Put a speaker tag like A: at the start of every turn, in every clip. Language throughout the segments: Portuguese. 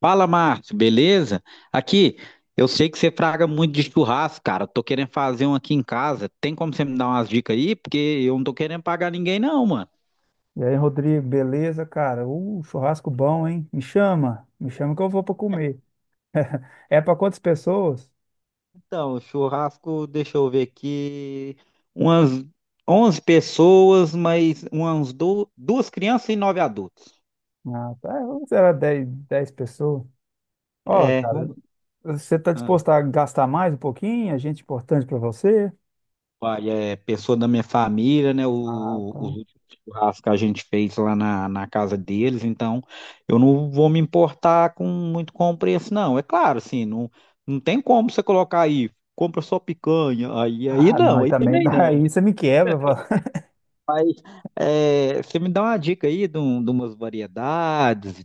A: Fala, Márcio, beleza? Aqui, eu sei que você fraga muito de churrasco, cara. Tô querendo fazer um aqui em casa. Tem como você me dar umas dicas aí? Porque eu não tô querendo pagar ninguém, não, mano.
B: E aí, Rodrigo, beleza, cara? Churrasco bom, hein? Me chama que eu vou pra comer. É pra quantas pessoas?
A: Então, churrasco, deixa eu ver aqui. Umas 11 pessoas, mas umas duas crianças e nove adultos.
B: Ah, tá, é, vamos será 10 pessoas. Ó,
A: É,
B: cara,
A: vamos.
B: você tá disposto a gastar mais um pouquinho? A gente importante pra você?
A: Olha, é pessoa da minha família, né?
B: Ah,
A: O,
B: tá.
A: os últimos churrascos que a gente fez lá na casa deles, então eu não vou me importar com muito com o preço, não. É claro, assim, não tem como você colocar aí, compra só picanha, aí
B: Ah, não,
A: não,
B: e
A: aí
B: também
A: também não, né?
B: daí você me quebra. Fala.
A: É, você me dá uma dica aí de umas variedades e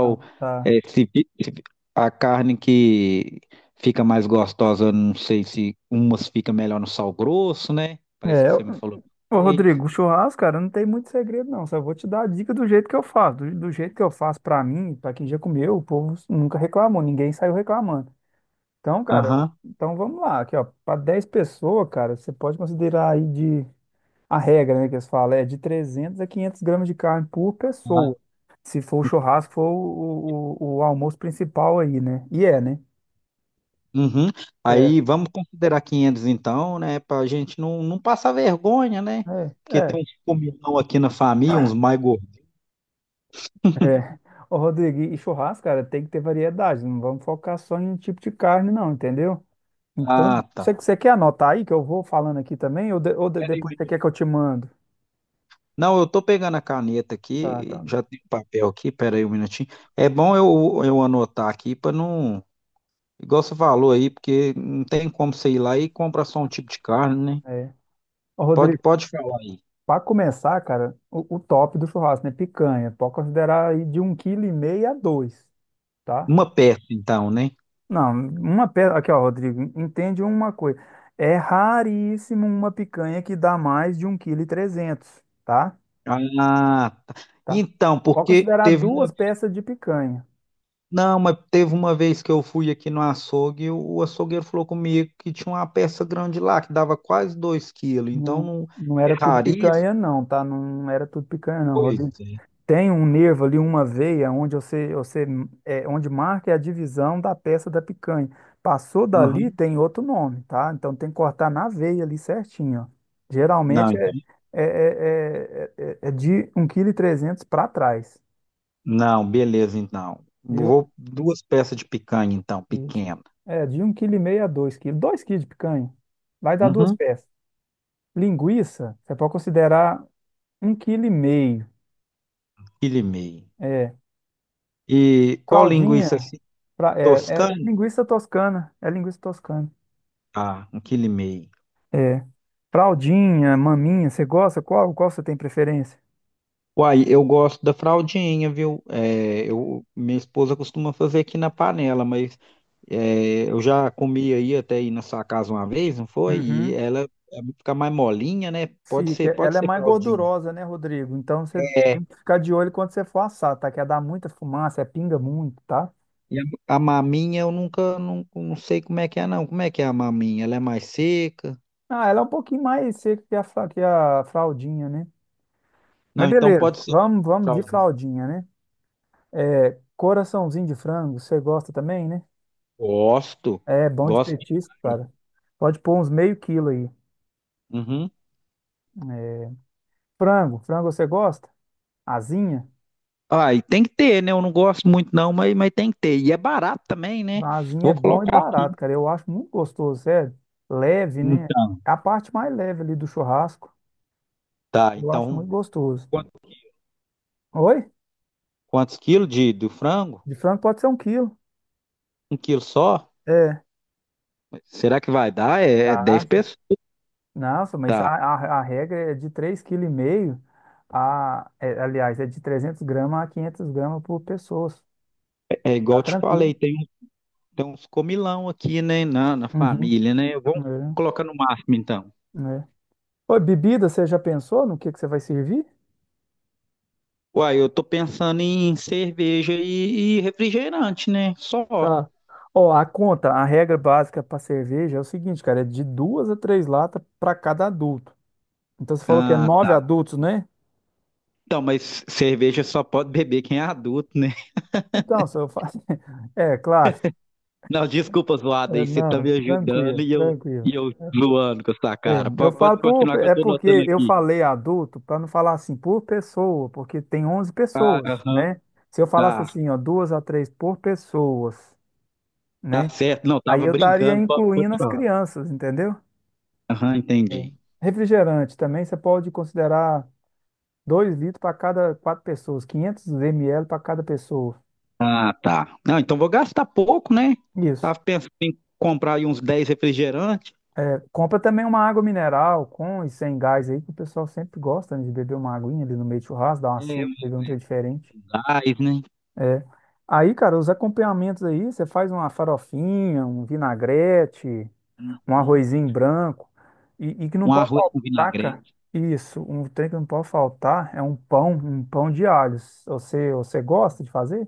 B: Ah, tá.
A: É, se, fi- se fi- a carne que fica mais gostosa, eu não sei se umas fica melhor no sal grosso, né? Parece
B: É,
A: que você me falou.
B: ô, Rodrigo, o churrasco, cara, não tem muito segredo, não. Só vou te dar a dica do jeito que eu faço. Do jeito que eu faço pra mim, pra quem já comeu, o povo nunca reclamou, ninguém saiu reclamando. Então, cara,
A: Aham.
B: então vamos lá, aqui, ó, para 10 pessoas, cara, você pode considerar aí de a regra, né, que eles falam, é de 300 a 500 gramas de carne por
A: Ah,
B: pessoa. Se for o churrasco, for o almoço principal aí, né? E é, né?
A: uhum.
B: É,
A: Aí vamos considerar 500 então, né? Pra gente não passar vergonha, né?
B: é,
A: Porque tem
B: é,
A: uns comilão aqui na família, uns mais gordos.
B: é. Ô, Rodrigo, e churrasco, cara, tem que ter variedade, não vamos focar só em um tipo de carne, não, entendeu? Então,
A: Ah, tá.
B: você quer anotar aí que eu vou falando aqui também, ou, depois você quer que eu te mando?
A: Não, eu tô pegando a caneta
B: Tá,
A: aqui,
B: tá.
A: já tem o papel aqui, pera aí um minutinho. É bom eu anotar aqui para não, igual você falou aí, porque não tem como você ir lá e comprar só um tipo de carne, né?
B: É. Ô,
A: Pode,
B: Rodrigo,
A: pode falar aí.
B: para começar, cara, o top do churrasco, né? Picanha. Pode considerar aí de um quilo e meio a dois, tá?
A: Uma peça, então, né?
B: Não, uma peça. Aqui, ó, Rodrigo, entende uma coisa. É raríssimo uma picanha que dá mais de um quilo e trezentos, kg, tá?
A: Ah, tá.
B: Tá?
A: Então,
B: Pode
A: porque
B: considerar
A: teve
B: duas
A: uma,
B: peças de picanha.
A: não, mas teve uma vez que eu fui aqui no açougue e o açougueiro falou comigo que tinha uma peça grande lá, que dava quase 2 quilos, então
B: Não,
A: não
B: não
A: é
B: era tudo
A: raríssimo,
B: picanha, não, tá? Não era tudo picanha, não,
A: pois
B: Rodrigo.
A: é.
B: Tem um nervo ali, uma veia, onde você onde marca é a divisão da peça da picanha. Passou dali,
A: Aham.
B: tem outro nome, tá? Então tem que cortar na veia ali certinho, ó.
A: Não,
B: Geralmente é de 1,3 kg para trás,
A: não, beleza, então.
B: viu?
A: Vou duas peças de picanha, então,
B: Isso.
A: pequena.
B: É, de 1,5 kg a 2 quilos. 2 quilos de picanha. Vai dar duas
A: Uhum,
B: peças. Linguiça, você pode considerar 1,5 kg.
A: quilo e meio.
B: É.
A: E qual linguiça
B: Fraldinha,
A: assim?
B: fra- é, é
A: Toscana?
B: linguiça toscana. É linguiça toscana.
A: Ah, um quilo e meio.
B: Fraldinha, maminha, você gosta? Qual você tem preferência?
A: Uai, eu gosto da fraldinha, viu? É, minha esposa costuma fazer aqui na panela, mas eu já comi aí até ir na sua casa uma vez, não foi? E
B: Uhum.
A: ela é, fica mais molinha, né? Pode
B: Fica.
A: ser, pode
B: Ela é
A: ser
B: mais
A: fraldinha.
B: gordurosa, né, Rodrigo? Então você
A: É,
B: tem que ficar de olho quando você for assar, tá? Que ela dá muita fumaça, é pinga muito, tá?
A: e a maminha eu nunca, não sei como é que é, não. Como é que é a maminha? Ela é mais seca?
B: Ah, ela é um pouquinho mais seca que a fraldinha, né? Mas
A: Não, então
B: beleza,
A: pode ser
B: vamos de
A: fraldinha.
B: fraldinha, né? É, coraçãozinho de frango, você gosta também, né?
A: Gosto,
B: É bom de
A: gosto de.
B: petisco, cara. Pode pôr uns meio quilo aí.
A: Uhum.
B: É, Frango você gosta? Asinha?
A: Ah, e tem que ter, né? Eu não gosto muito não, mas tem que ter. E é barato também, né?
B: Vazinho é
A: Vou
B: bom e
A: colocar aqui.
B: barato, cara. Eu acho muito gostoso, sério. Leve, né?
A: Então,
B: É a parte mais leve ali do churrasco.
A: tá.
B: Eu acho
A: Então,
B: muito gostoso.
A: quant-
B: Oi?
A: quantos quilos do frango?
B: De frango pode ser um quilo.
A: 1 quilo só?
B: É.
A: Será que vai dar? É
B: Tá.
A: 10 pessoas?
B: Nossa, mas a,
A: Tá.
B: a, a regra é de 3,5 kg aliás, é de 300 gramas a 500 gramas por pessoa.
A: É igual
B: Tá
A: eu te
B: tranquilo.
A: falei, tem uns comilão aqui, né? Na
B: Uhum.
A: família, né? Vamos
B: É,
A: colocar no máximo, então.
B: é. Oi, bebida, você já pensou no que você vai servir?
A: Uai, eu tô pensando em cerveja e refrigerante, né? Só.
B: Tá. Ó, a conta, a regra básica para cerveja é o seguinte, cara, é de duas a três latas para cada adulto. Então você falou que é
A: Ah,
B: nove
A: tá.
B: adultos, né?
A: Então, mas cerveja só pode beber quem é adulto, né?
B: Então, se eu faço. É, claro.
A: Não, desculpa, zoada
B: É,
A: aí. Você tá
B: não,
A: me ajudando
B: tranquilo,
A: e eu,
B: tranquilo.
A: e eu zoando com essa
B: É,
A: cara.
B: eu
A: Pode
B: falo por.
A: continuar que eu
B: É
A: tô
B: porque
A: notando
B: eu
A: aqui.
B: falei adulto para não falar assim por pessoa, porque tem onze
A: Ah,
B: pessoas,
A: aham,
B: né? Se eu falasse
A: tá.
B: assim, ó, duas a três por pessoas,
A: Tá
B: né?
A: certo. Não,
B: Aí
A: tava
B: eu estaria
A: brincando. Pode
B: incluindo as
A: falar.
B: crianças, entendeu?
A: Aham,
B: É.
A: entendi.
B: Refrigerante também, você pode considerar. Dois litros para cada quatro pessoas, 500 ml para cada pessoa.
A: Ah, tá. Não, então vou gastar pouco, né?
B: Isso.
A: Tava pensando em comprar aí uns 10 refrigerantes.
B: Compra também uma água mineral com e sem gás aí, que o pessoal sempre gosta, né, de beber uma aguinha ali no meio de churrasco, dar uma
A: É,
B: sede,
A: um
B: beber um trem diferente.
A: gás, né?
B: É. Aí, cara, os acompanhamentos aí, você faz uma farofinha, um vinagrete, um
A: Uhum.
B: arrozinho branco, e que não
A: Um
B: pode
A: arroz com
B: faltar, cara.
A: vinagrete.
B: Isso, um trem que não pode faltar é um pão de alhos. Você gosta de fazer?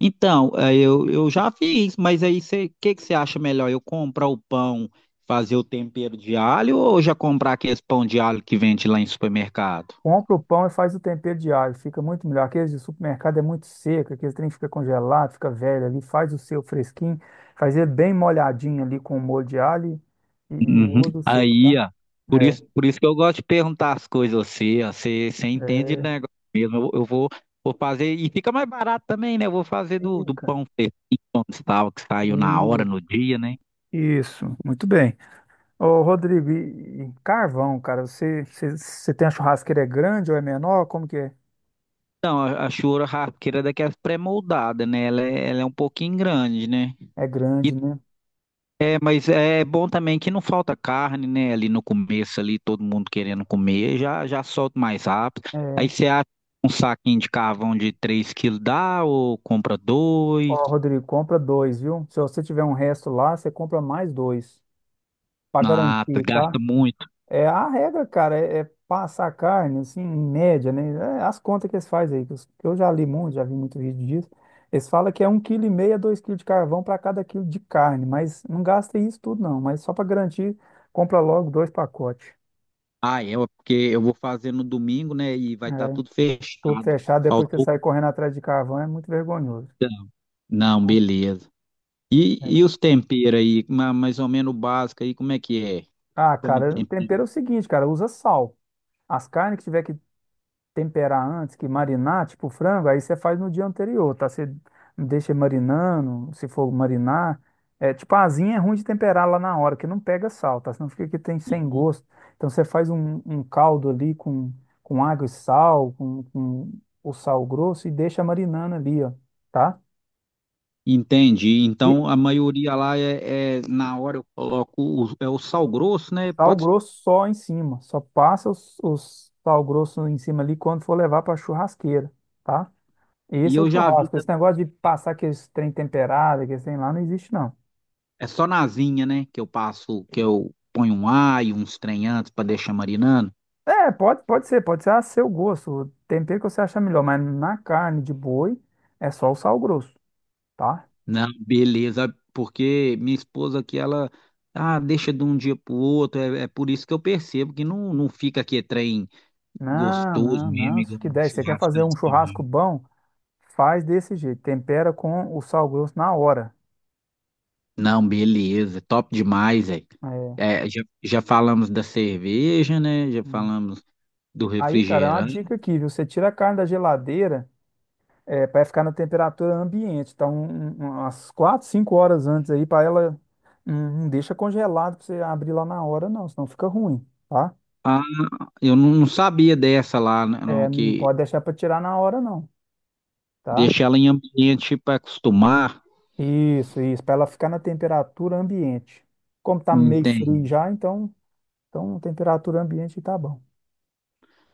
A: Então, eu já fiz, mas aí o que que você acha melhor? Eu comprar o pão, fazer o tempero de alho ou já comprar aquele pão de alho que vende lá em supermercado?
B: Compra o pão e faz o tempero diário, fica muito melhor. Aqueles de supermercado é muito seco, aqueles trem fica congelado, fica velho ali, faz o seu fresquinho, faz ele bem molhadinho ali com molho de alho e
A: Uhum.
B: usa o seu,
A: Aí,
B: tá?
A: ó, por
B: É,
A: isso, por isso que eu gosto de perguntar as coisas a você, ó, você entende de
B: é,
A: negócio mesmo. Eu vou fazer, e fica mais barato também, né? Eu vou fazer do
B: fica.
A: pão feijão de sal que saiu na hora,
B: Isso,
A: no dia, né?
B: isso, muito bem. Ô, Rodrigo, e carvão, cara, você tem a churrasqueira é grande ou é menor? Como que é?
A: Então, a churrasqueira é daquelas pré-moldadas, né? Ela é um pouquinho grande, né?
B: É
A: E
B: grande, né?
A: mas é bom também que não falta carne, né? Ali no começo, ali todo mundo querendo comer, já já solta mais rápido. Aí
B: É.
A: você acha um saquinho de carvão de 3 quilos dá ou compra dois?
B: Ó, Rodrigo, compra dois, viu? Se você tiver um resto lá, você compra mais dois, para
A: Ah,
B: garantir,
A: gasta
B: tá?
A: muito.
B: É, a regra, cara, é passar carne, assim, em média, né? É, as contas que eles fazem aí, que eu já li muito, já vi muito vídeo disso. Eles falam que é um quilo e meio a dois quilos de carvão para cada quilo de carne, mas não gasta isso tudo, não. Mas só para garantir, compra logo dois pacotes.
A: Ah, é, ué, porque eu vou fazer no domingo, né? E vai estar
B: É,
A: tudo
B: tudo
A: fechado.
B: fechado, depois que você
A: Faltou.
B: sair correndo atrás de carvão, é muito vergonhoso.
A: Não,
B: Tá?
A: beleza. E,
B: É.
A: e os temperos aí, mais ou menos o básico aí, como é que é?
B: Ah,
A: Pra me
B: cara,
A: temperar.
B: tempero é o seguinte, cara, usa sal. As carnes que tiver que temperar antes, que marinar, tipo frango, aí você faz no dia anterior, tá? Você deixa marinando, se for marinar. É, tipo, a asinha é ruim de temperar lá na hora, que não pega sal, tá? Senão fica que tem sem gosto. Então você faz um caldo ali com água e sal, com o sal grosso e deixa marinando ali, ó, tá?
A: Entendi. Então
B: E
A: a maioria lá na hora eu coloco o, é o sal grosso, né?
B: sal
A: Pode,
B: grosso só em cima, só passa os sal grosso em cima ali quando for levar para churrasqueira, tá? E
A: e
B: esse é o
A: eu já vi,
B: churrasco. Esse negócio de passar aqueles trem temperado, aqueles trem lá, não existe, não.
A: é só na asinha, né? Que eu passo, que eu ponho um alho, uns trem antes para deixar marinando.
B: É, pode ser a seu gosto, o tempero que você achar melhor, mas na carne de boi é só o sal grosso, tá?
A: Não, beleza, porque minha esposa aqui, ela deixa de um dia pro outro, é por isso que eu percebo que não fica aqui trem
B: Não,
A: gostoso
B: não,
A: mesmo,
B: não, isso
A: igual
B: que
A: um
B: der. Você quer
A: churrasco
B: fazer um churrasco
A: tradicional.
B: bom? Faz desse jeito, tempera com o sal grosso na hora.
A: Não, beleza, top demais, velho.
B: É,
A: É, já falamos da cerveja, né? Já
B: é.
A: falamos do
B: Aí, cara, é uma
A: refrigerante.
B: dica aqui, viu? Você tira a carne da geladeira. É, para ficar na temperatura ambiente. Então, umas 4, 5 horas antes aí, para ela. Não deixa congelado para você abrir lá na hora, não, senão fica ruim, tá?
A: Ah, eu não sabia dessa lá, né,
B: É,
A: não,
B: não
A: que
B: pode deixar para tirar na hora, não, tá?
A: deixa ela em ambiente para acostumar.
B: Isso, para ela ficar na temperatura ambiente. Como tá meio frio
A: Entende.
B: já, então temperatura ambiente tá bom.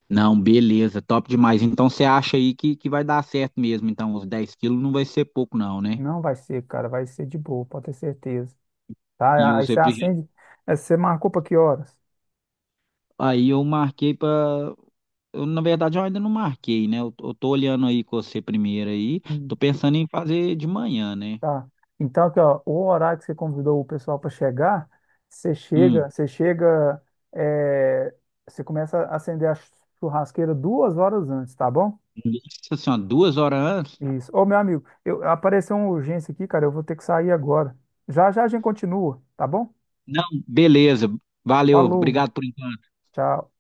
A: Não, beleza, top demais. Então você acha aí que vai dar certo mesmo. Então, os 10 quilos não vai ser pouco, não, né?
B: Não vai ser, cara, vai ser de boa, pode ter certeza,
A: E
B: tá? Aí
A: os
B: você
A: refrigerantes.
B: acende, aí você marcou para que horas?
A: Aí eu marquei para. Eu, na verdade, eu ainda não marquei, né? Eu tô olhando aí com você primeiro aí. Tô
B: Hum.
A: pensando em fazer de manhã, né?
B: Tá. Então, aqui, ó, o horário que você convidou o pessoal para chegar, você
A: Hum.
B: chega, você chega, é, você começa a acender a churrasqueira 2 horas antes, tá bom?
A: Nossa senhora, 2 horas antes?
B: Isso. Ô, meu amigo, apareceu uma urgência aqui, cara, eu vou ter que sair agora. Já já a gente continua, tá bom?
A: Não, beleza. Valeu,
B: Falou,
A: obrigado por enquanto.
B: tchau.